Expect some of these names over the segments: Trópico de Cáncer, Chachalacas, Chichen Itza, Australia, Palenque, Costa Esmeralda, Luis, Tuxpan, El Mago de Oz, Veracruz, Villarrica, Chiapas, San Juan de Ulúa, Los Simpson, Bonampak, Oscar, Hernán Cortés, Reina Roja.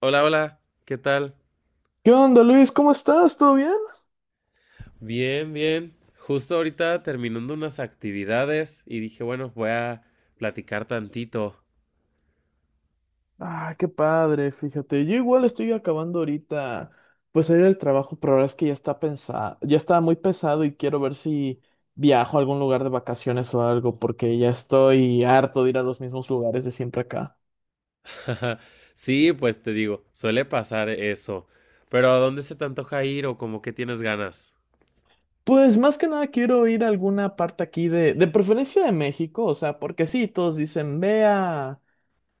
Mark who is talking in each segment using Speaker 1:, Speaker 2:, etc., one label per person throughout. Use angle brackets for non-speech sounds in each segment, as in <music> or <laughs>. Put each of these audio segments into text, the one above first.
Speaker 1: Hola, hola, ¿qué tal?
Speaker 2: ¿Qué onda, Luis? ¿Cómo estás? ¿Todo bien?
Speaker 1: Bien, bien. Justo ahorita terminando unas actividades y dije, bueno, voy a platicar tantito.
Speaker 2: Ah, qué padre, fíjate. Yo igual estoy acabando ahorita, pues salir del trabajo, pero la verdad es que ya está pensado, ya está muy pesado y quiero ver si viajo a algún lugar de vacaciones o algo, porque ya estoy harto de ir a los mismos lugares de siempre acá.
Speaker 1: <laughs> Sí, pues te digo, suele pasar eso. Pero ¿a dónde se te antoja ir o como que tienes ganas?
Speaker 2: Pues más que nada quiero ir a alguna parte aquí de preferencia de México, o sea, porque sí, todos dicen, ve a,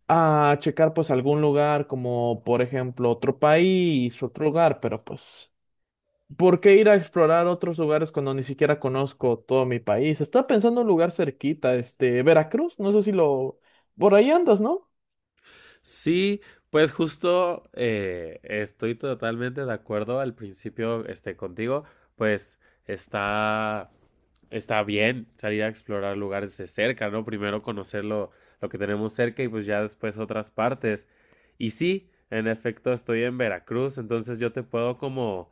Speaker 2: a checar pues algún lugar como, por ejemplo, otro país, otro lugar, pero pues... ¿Por qué ir a explorar otros lugares cuando ni siquiera conozco todo mi país? Estaba pensando en un lugar cerquita, Veracruz, no sé si lo... Por ahí andas, ¿no?
Speaker 1: Sí, pues justo estoy totalmente de acuerdo al principio contigo, pues está, está bien salir a explorar lugares de cerca, ¿no? Primero conocer lo que tenemos cerca y pues ya después otras partes. Y sí, en efecto estoy en Veracruz, entonces yo te puedo como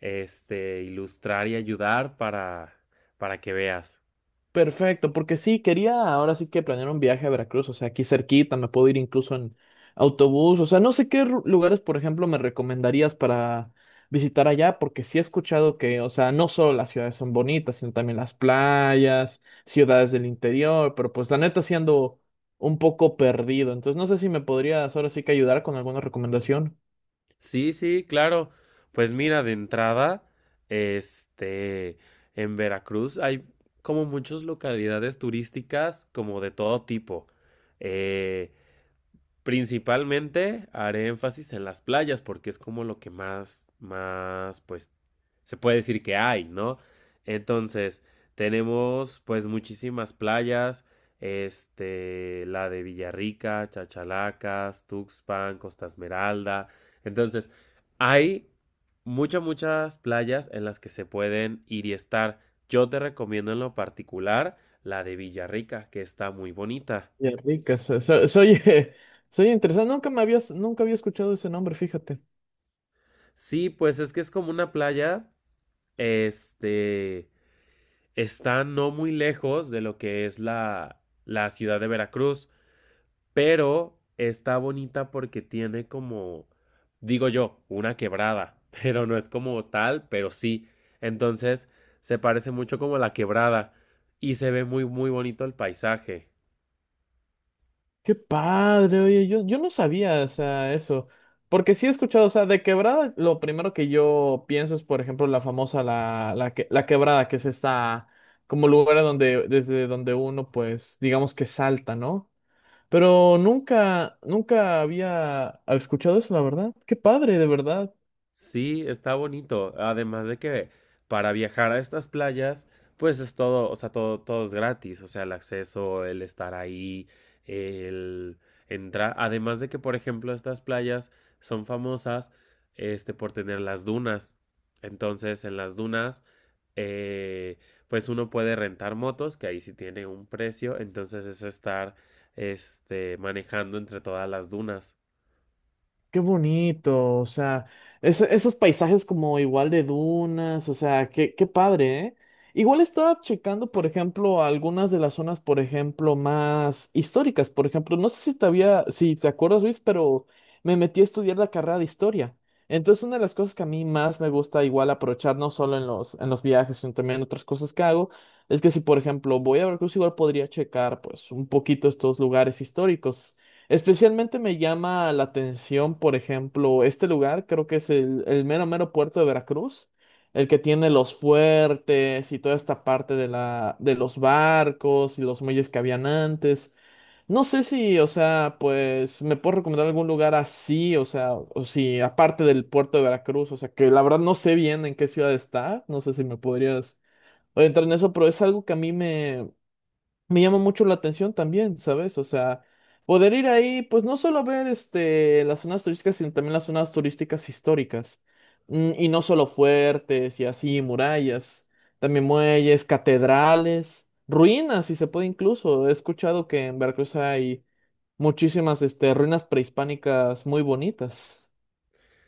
Speaker 1: ilustrar y ayudar para que veas.
Speaker 2: Perfecto, porque sí, quería ahora sí que planear un viaje a Veracruz, o sea, aquí cerquita, me puedo ir incluso en autobús, o sea, no sé qué lugares, por ejemplo, me recomendarías para visitar allá, porque sí he escuchado que, o sea, no solo las ciudades son bonitas, sino también las playas, ciudades del interior, pero pues la neta siendo un poco perdido, entonces no sé si me podrías ahora sí que ayudar con alguna recomendación.
Speaker 1: Sí, sí, claro. Pues mira, de entrada, este, en Veracruz hay como muchas localidades turísticas como de todo tipo. Eh, Principalmente haré énfasis en las playas porque es como lo que más, pues, se puede decir que hay, ¿no? Entonces, tenemos pues muchísimas playas, este, la de Villarrica, Chachalacas, Tuxpan, Costa Esmeralda. Entonces, hay muchas playas en las que se pueden ir y estar. Yo te recomiendo en lo particular la de Villarrica, que está muy bonita.
Speaker 2: Ya ricas, soy, <laughs> soy interesante, nunca había escuchado ese nombre, fíjate.
Speaker 1: Sí, pues es que es como una playa, este, está no muy lejos de lo que es la ciudad de Veracruz, pero está bonita porque tiene como, digo yo, una quebrada, <laughs> pero no es como tal, pero sí. Entonces, se parece mucho como a la quebrada y se ve muy bonito el paisaje.
Speaker 2: Qué padre, oye, yo no sabía, o sea, eso. Porque sí he escuchado, o sea, de quebrada, lo primero que yo pienso es, por ejemplo, la famosa, la quebrada, que es esta, como lugar a donde, desde donde uno, pues, digamos que salta, ¿no? Pero nunca había escuchado eso, la verdad. Qué padre, de verdad.
Speaker 1: Sí, está bonito. Además de que para viajar a estas playas, pues es todo, o sea, todo es gratis. O sea, el acceso, el estar ahí, el entrar. Además de que, por ejemplo, estas playas son famosas, este, por tener las dunas. Entonces, en las dunas, eh, pues uno puede rentar motos, que ahí sí tiene un precio. Entonces es estar, este, manejando entre todas las dunas.
Speaker 2: Qué bonito, o sea, eso- esos paisajes como igual de dunas, o sea, qué padre, ¿eh? Igual estaba checando, por ejemplo, algunas de las zonas, por ejemplo, más históricas, por ejemplo, no sé si te había, si te acuerdas, Luis, pero me metí a estudiar la carrera de historia. Entonces, una de las cosas que a mí más me gusta igual aprovechar, no solo en en los viajes, sino también en otras cosas que hago, es que si, por ejemplo, voy a Veracruz, igual podría checar, pues, un poquito estos lugares históricos. Especialmente me llama la atención, por ejemplo, este lugar, creo que es el mero mero puerto de Veracruz, el que tiene los fuertes y toda esta parte de de los barcos y los muelles que habían antes. No sé si, o sea, pues me puedo recomendar algún lugar así, o sea, o si aparte del puerto de Veracruz, o sea, que la verdad no sé bien en qué ciudad está, no sé si me podrías orientar en eso, pero es algo que a mí me llama mucho la atención también, ¿sabes? O sea, poder ir ahí, pues no solo ver las zonas turísticas, sino también las zonas turísticas históricas. Mm, y no solo fuertes y así, murallas, también muelles, catedrales, ruinas, si se puede incluso. He escuchado que en Veracruz hay muchísimas ruinas prehispánicas muy bonitas.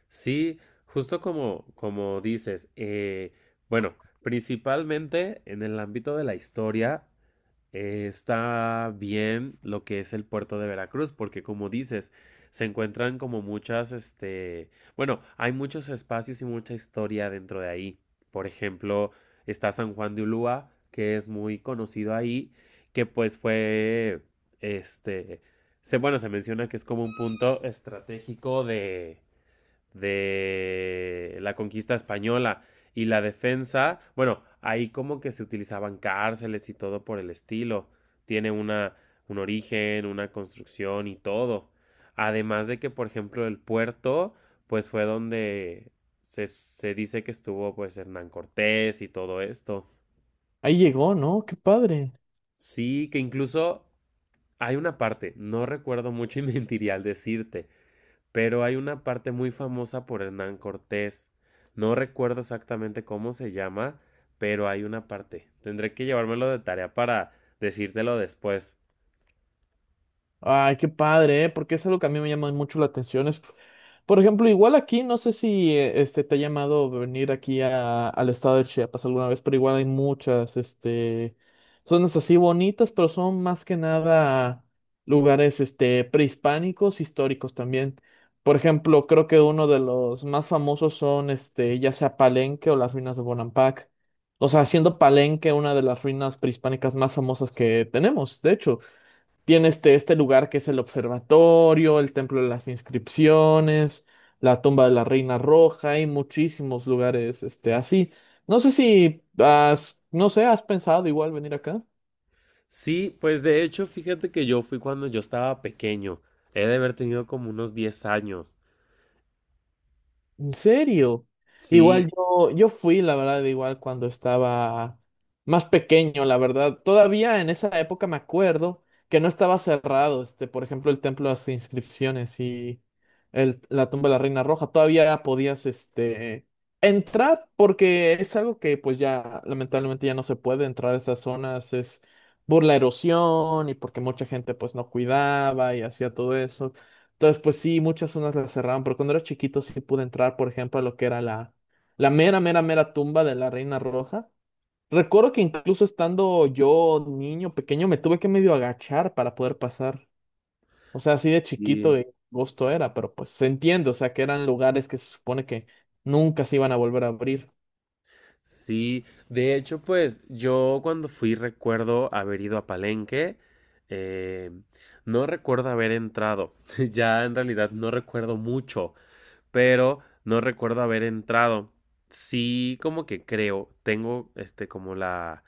Speaker 1: Sí, justo como dices, bueno, principalmente en el ámbito de la historia está bien lo que es el puerto de Veracruz, porque como dices, se encuentran como muchas, este, bueno, hay muchos espacios y mucha historia dentro de ahí. Por ejemplo, está San Juan de Ulúa, que es muy conocido ahí, que pues fue, este, bueno, se menciona que es como un punto estratégico de la conquista española y la defensa, bueno, ahí como que se utilizaban cárceles y todo por el estilo. Tiene un origen, una construcción y todo. Además de que, por ejemplo, el puerto, pues fue donde se dice que estuvo pues Hernán Cortés y todo esto.
Speaker 2: Ahí llegó, ¿no? Qué padre.
Speaker 1: Sí, que incluso hay una parte, no recuerdo mucho y <laughs> mentiría al decirte, pero hay una parte muy famosa por Hernán Cortés. No recuerdo exactamente cómo se llama, pero hay una parte. Tendré que llevármelo de tarea para decírtelo después.
Speaker 2: Ay, qué padre, ¿eh? Porque es algo que a mí me llama mucho la atención. Es, por ejemplo, igual aquí, no sé si te ha llamado venir aquí a- al estado de Chiapas alguna vez, pero igual hay muchas, zonas así bonitas, pero son más que nada lugares, prehispánicos, históricos también. Por ejemplo, creo que uno de los más famosos son, ya sea Palenque o las ruinas de Bonampak. O sea, siendo Palenque una de las ruinas prehispánicas más famosas que tenemos, de hecho. Tiene este lugar que es el observatorio, el templo de las inscripciones, la tumba de la Reina Roja, hay muchísimos lugares así. No sé si has, no sé, ¿has pensado igual venir acá?
Speaker 1: Sí, pues de hecho, fíjate que yo fui cuando yo estaba pequeño. He de haber tenido como unos 10 años.
Speaker 2: ¿En serio? Igual
Speaker 1: Sí,
Speaker 2: yo fui, la verdad, igual cuando estaba más pequeño, la verdad. Todavía en esa época me acuerdo que no estaba cerrado, por ejemplo, el templo de las inscripciones y la tumba de la Reina Roja. Todavía podías, entrar porque es algo que, pues ya, lamentablemente ya no se puede entrar a esas zonas, es por la erosión y porque mucha gente, pues, no cuidaba y hacía todo eso. Entonces, pues sí, muchas zonas las cerraron, pero cuando era chiquito sí pude entrar, por ejemplo, a lo que era la mera, mera, mera tumba de la Reina Roja. Recuerdo que incluso estando yo niño pequeño me tuve que medio agachar para poder pasar. O sea, así de chiquito
Speaker 1: sí,
Speaker 2: de gusto era, pero pues se entiende, o sea, que eran lugares que se supone que nunca se iban a volver a abrir.
Speaker 1: sí. De hecho, pues yo cuando fui recuerdo haber ido a Palenque. eh, no recuerdo haber entrado. <laughs> Ya en realidad no recuerdo mucho, pero no recuerdo haber entrado. Sí, como que creo, tengo este como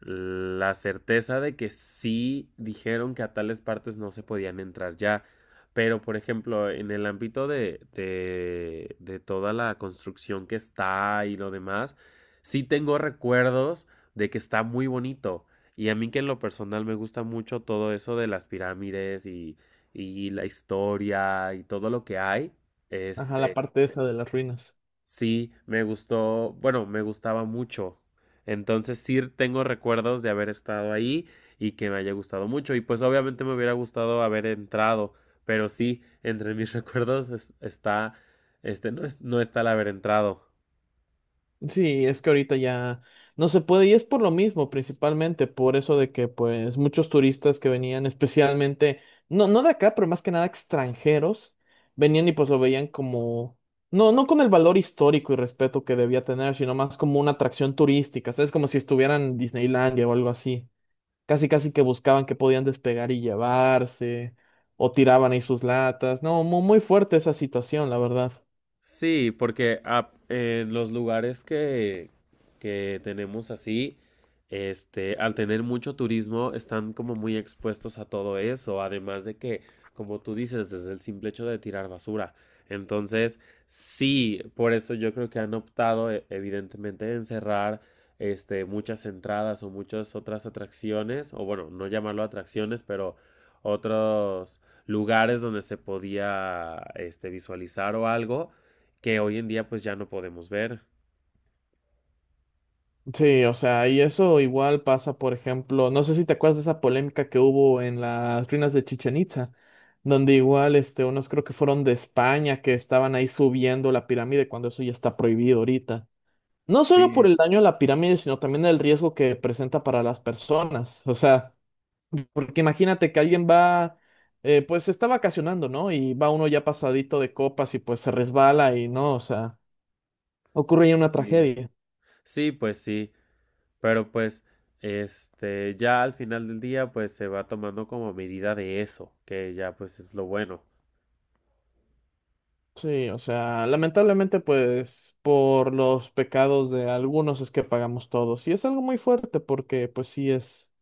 Speaker 1: la certeza de que sí dijeron que a tales partes no se podían entrar ya. Pero, por ejemplo, en el ámbito de toda la construcción que está y lo demás, sí tengo recuerdos de que está muy bonito. Y a mí que en lo personal me gusta mucho todo eso de las pirámides y la historia y todo lo que hay.
Speaker 2: Ajá, la
Speaker 1: Este,
Speaker 2: parte esa de las ruinas.
Speaker 1: sí, me gustó, bueno, me gustaba mucho. Entonces sí tengo recuerdos de haber estado ahí y que me haya gustado mucho. Y pues obviamente me hubiera gustado haber entrado, pero sí, entre mis <laughs> recuerdos está, este, no, no está el haber entrado.
Speaker 2: Sí, es que ahorita ya no se puede y es por lo mismo, principalmente por eso de que pues muchos turistas que venían especialmente, no de acá, pero más que nada extranjeros, venían y pues lo veían como, no con el valor histórico y respeto que debía tener, sino más como una atracción turística, ¿sabes? Como si estuvieran en Disneylandia o algo así. Casi, casi que buscaban que podían despegar y llevarse, o tiraban ahí sus latas. No, muy, muy fuerte esa situación, la verdad.
Speaker 1: Sí, porque los lugares que tenemos así, este, al tener mucho turismo, están como muy expuestos a todo eso, además de que, como tú dices, desde el simple hecho de tirar basura. Entonces, sí, por eso yo creo que han optado, evidentemente, en cerrar, este, muchas entradas o muchas otras atracciones, o bueno, no llamarlo atracciones, pero otros lugares donde se podía, este, visualizar o algo que hoy en día pues ya no podemos ver.
Speaker 2: Sí, o sea, y eso igual pasa, por ejemplo, no sé si te acuerdas de esa polémica que hubo en las ruinas de Chichen Itza, donde igual, unos creo que fueron de España que estaban ahí subiendo la pirámide cuando eso ya está prohibido ahorita. No solo por
Speaker 1: Sí,
Speaker 2: el daño a la pirámide, sino también el riesgo que presenta para las personas. O sea, porque imagínate que alguien va, pues está vacacionando, ¿no? Y va uno ya pasadito de copas y pues se resbala y no, o sea, ocurre ya una
Speaker 1: sí.
Speaker 2: tragedia.
Speaker 1: Sí, pues sí, pero pues este ya al final del día pues se va tomando como medida de eso, que ya pues es lo bueno.
Speaker 2: Sí, o sea, lamentablemente pues por los pecados de algunos es que pagamos todos y es algo muy fuerte porque pues sí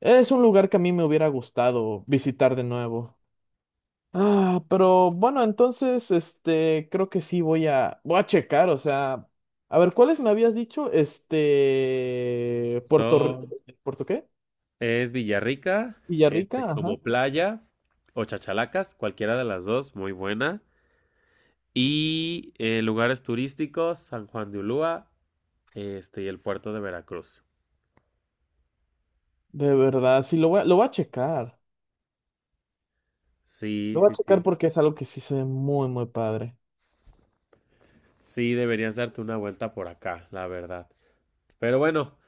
Speaker 2: es un lugar que a mí me hubiera gustado visitar de nuevo. Ah, pero bueno, entonces creo que sí voy a checar, o sea, a ver cuáles me habías dicho, este Puerto R-
Speaker 1: So,
Speaker 2: ¿Puerto qué?
Speaker 1: es Villarrica, este
Speaker 2: Villarrica, ajá.
Speaker 1: como playa o Chachalacas, cualquiera de las dos, muy buena. Y lugares turísticos, San Juan de Ulúa, este y el puerto de Veracruz.
Speaker 2: De verdad, sí lo voy a checar.
Speaker 1: Sí,
Speaker 2: Lo voy a
Speaker 1: sí,
Speaker 2: checar
Speaker 1: sí.
Speaker 2: porque es algo que sí se ve muy padre.
Speaker 1: Sí, deberías darte una vuelta por acá, la verdad. Pero bueno,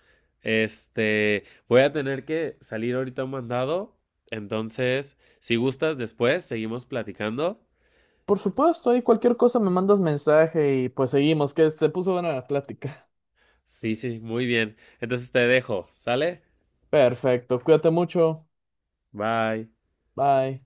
Speaker 1: este, voy a tener que salir ahorita a un mandado. Entonces, si gustas, después seguimos platicando.
Speaker 2: Por supuesto, ahí cualquier cosa me mandas mensaje y pues seguimos, que se puso buena la plática.
Speaker 1: Sí, sí, muy bien. Entonces te dejo, ¿sale?
Speaker 2: Perfecto, cuídate mucho.
Speaker 1: Bye.
Speaker 2: Bye.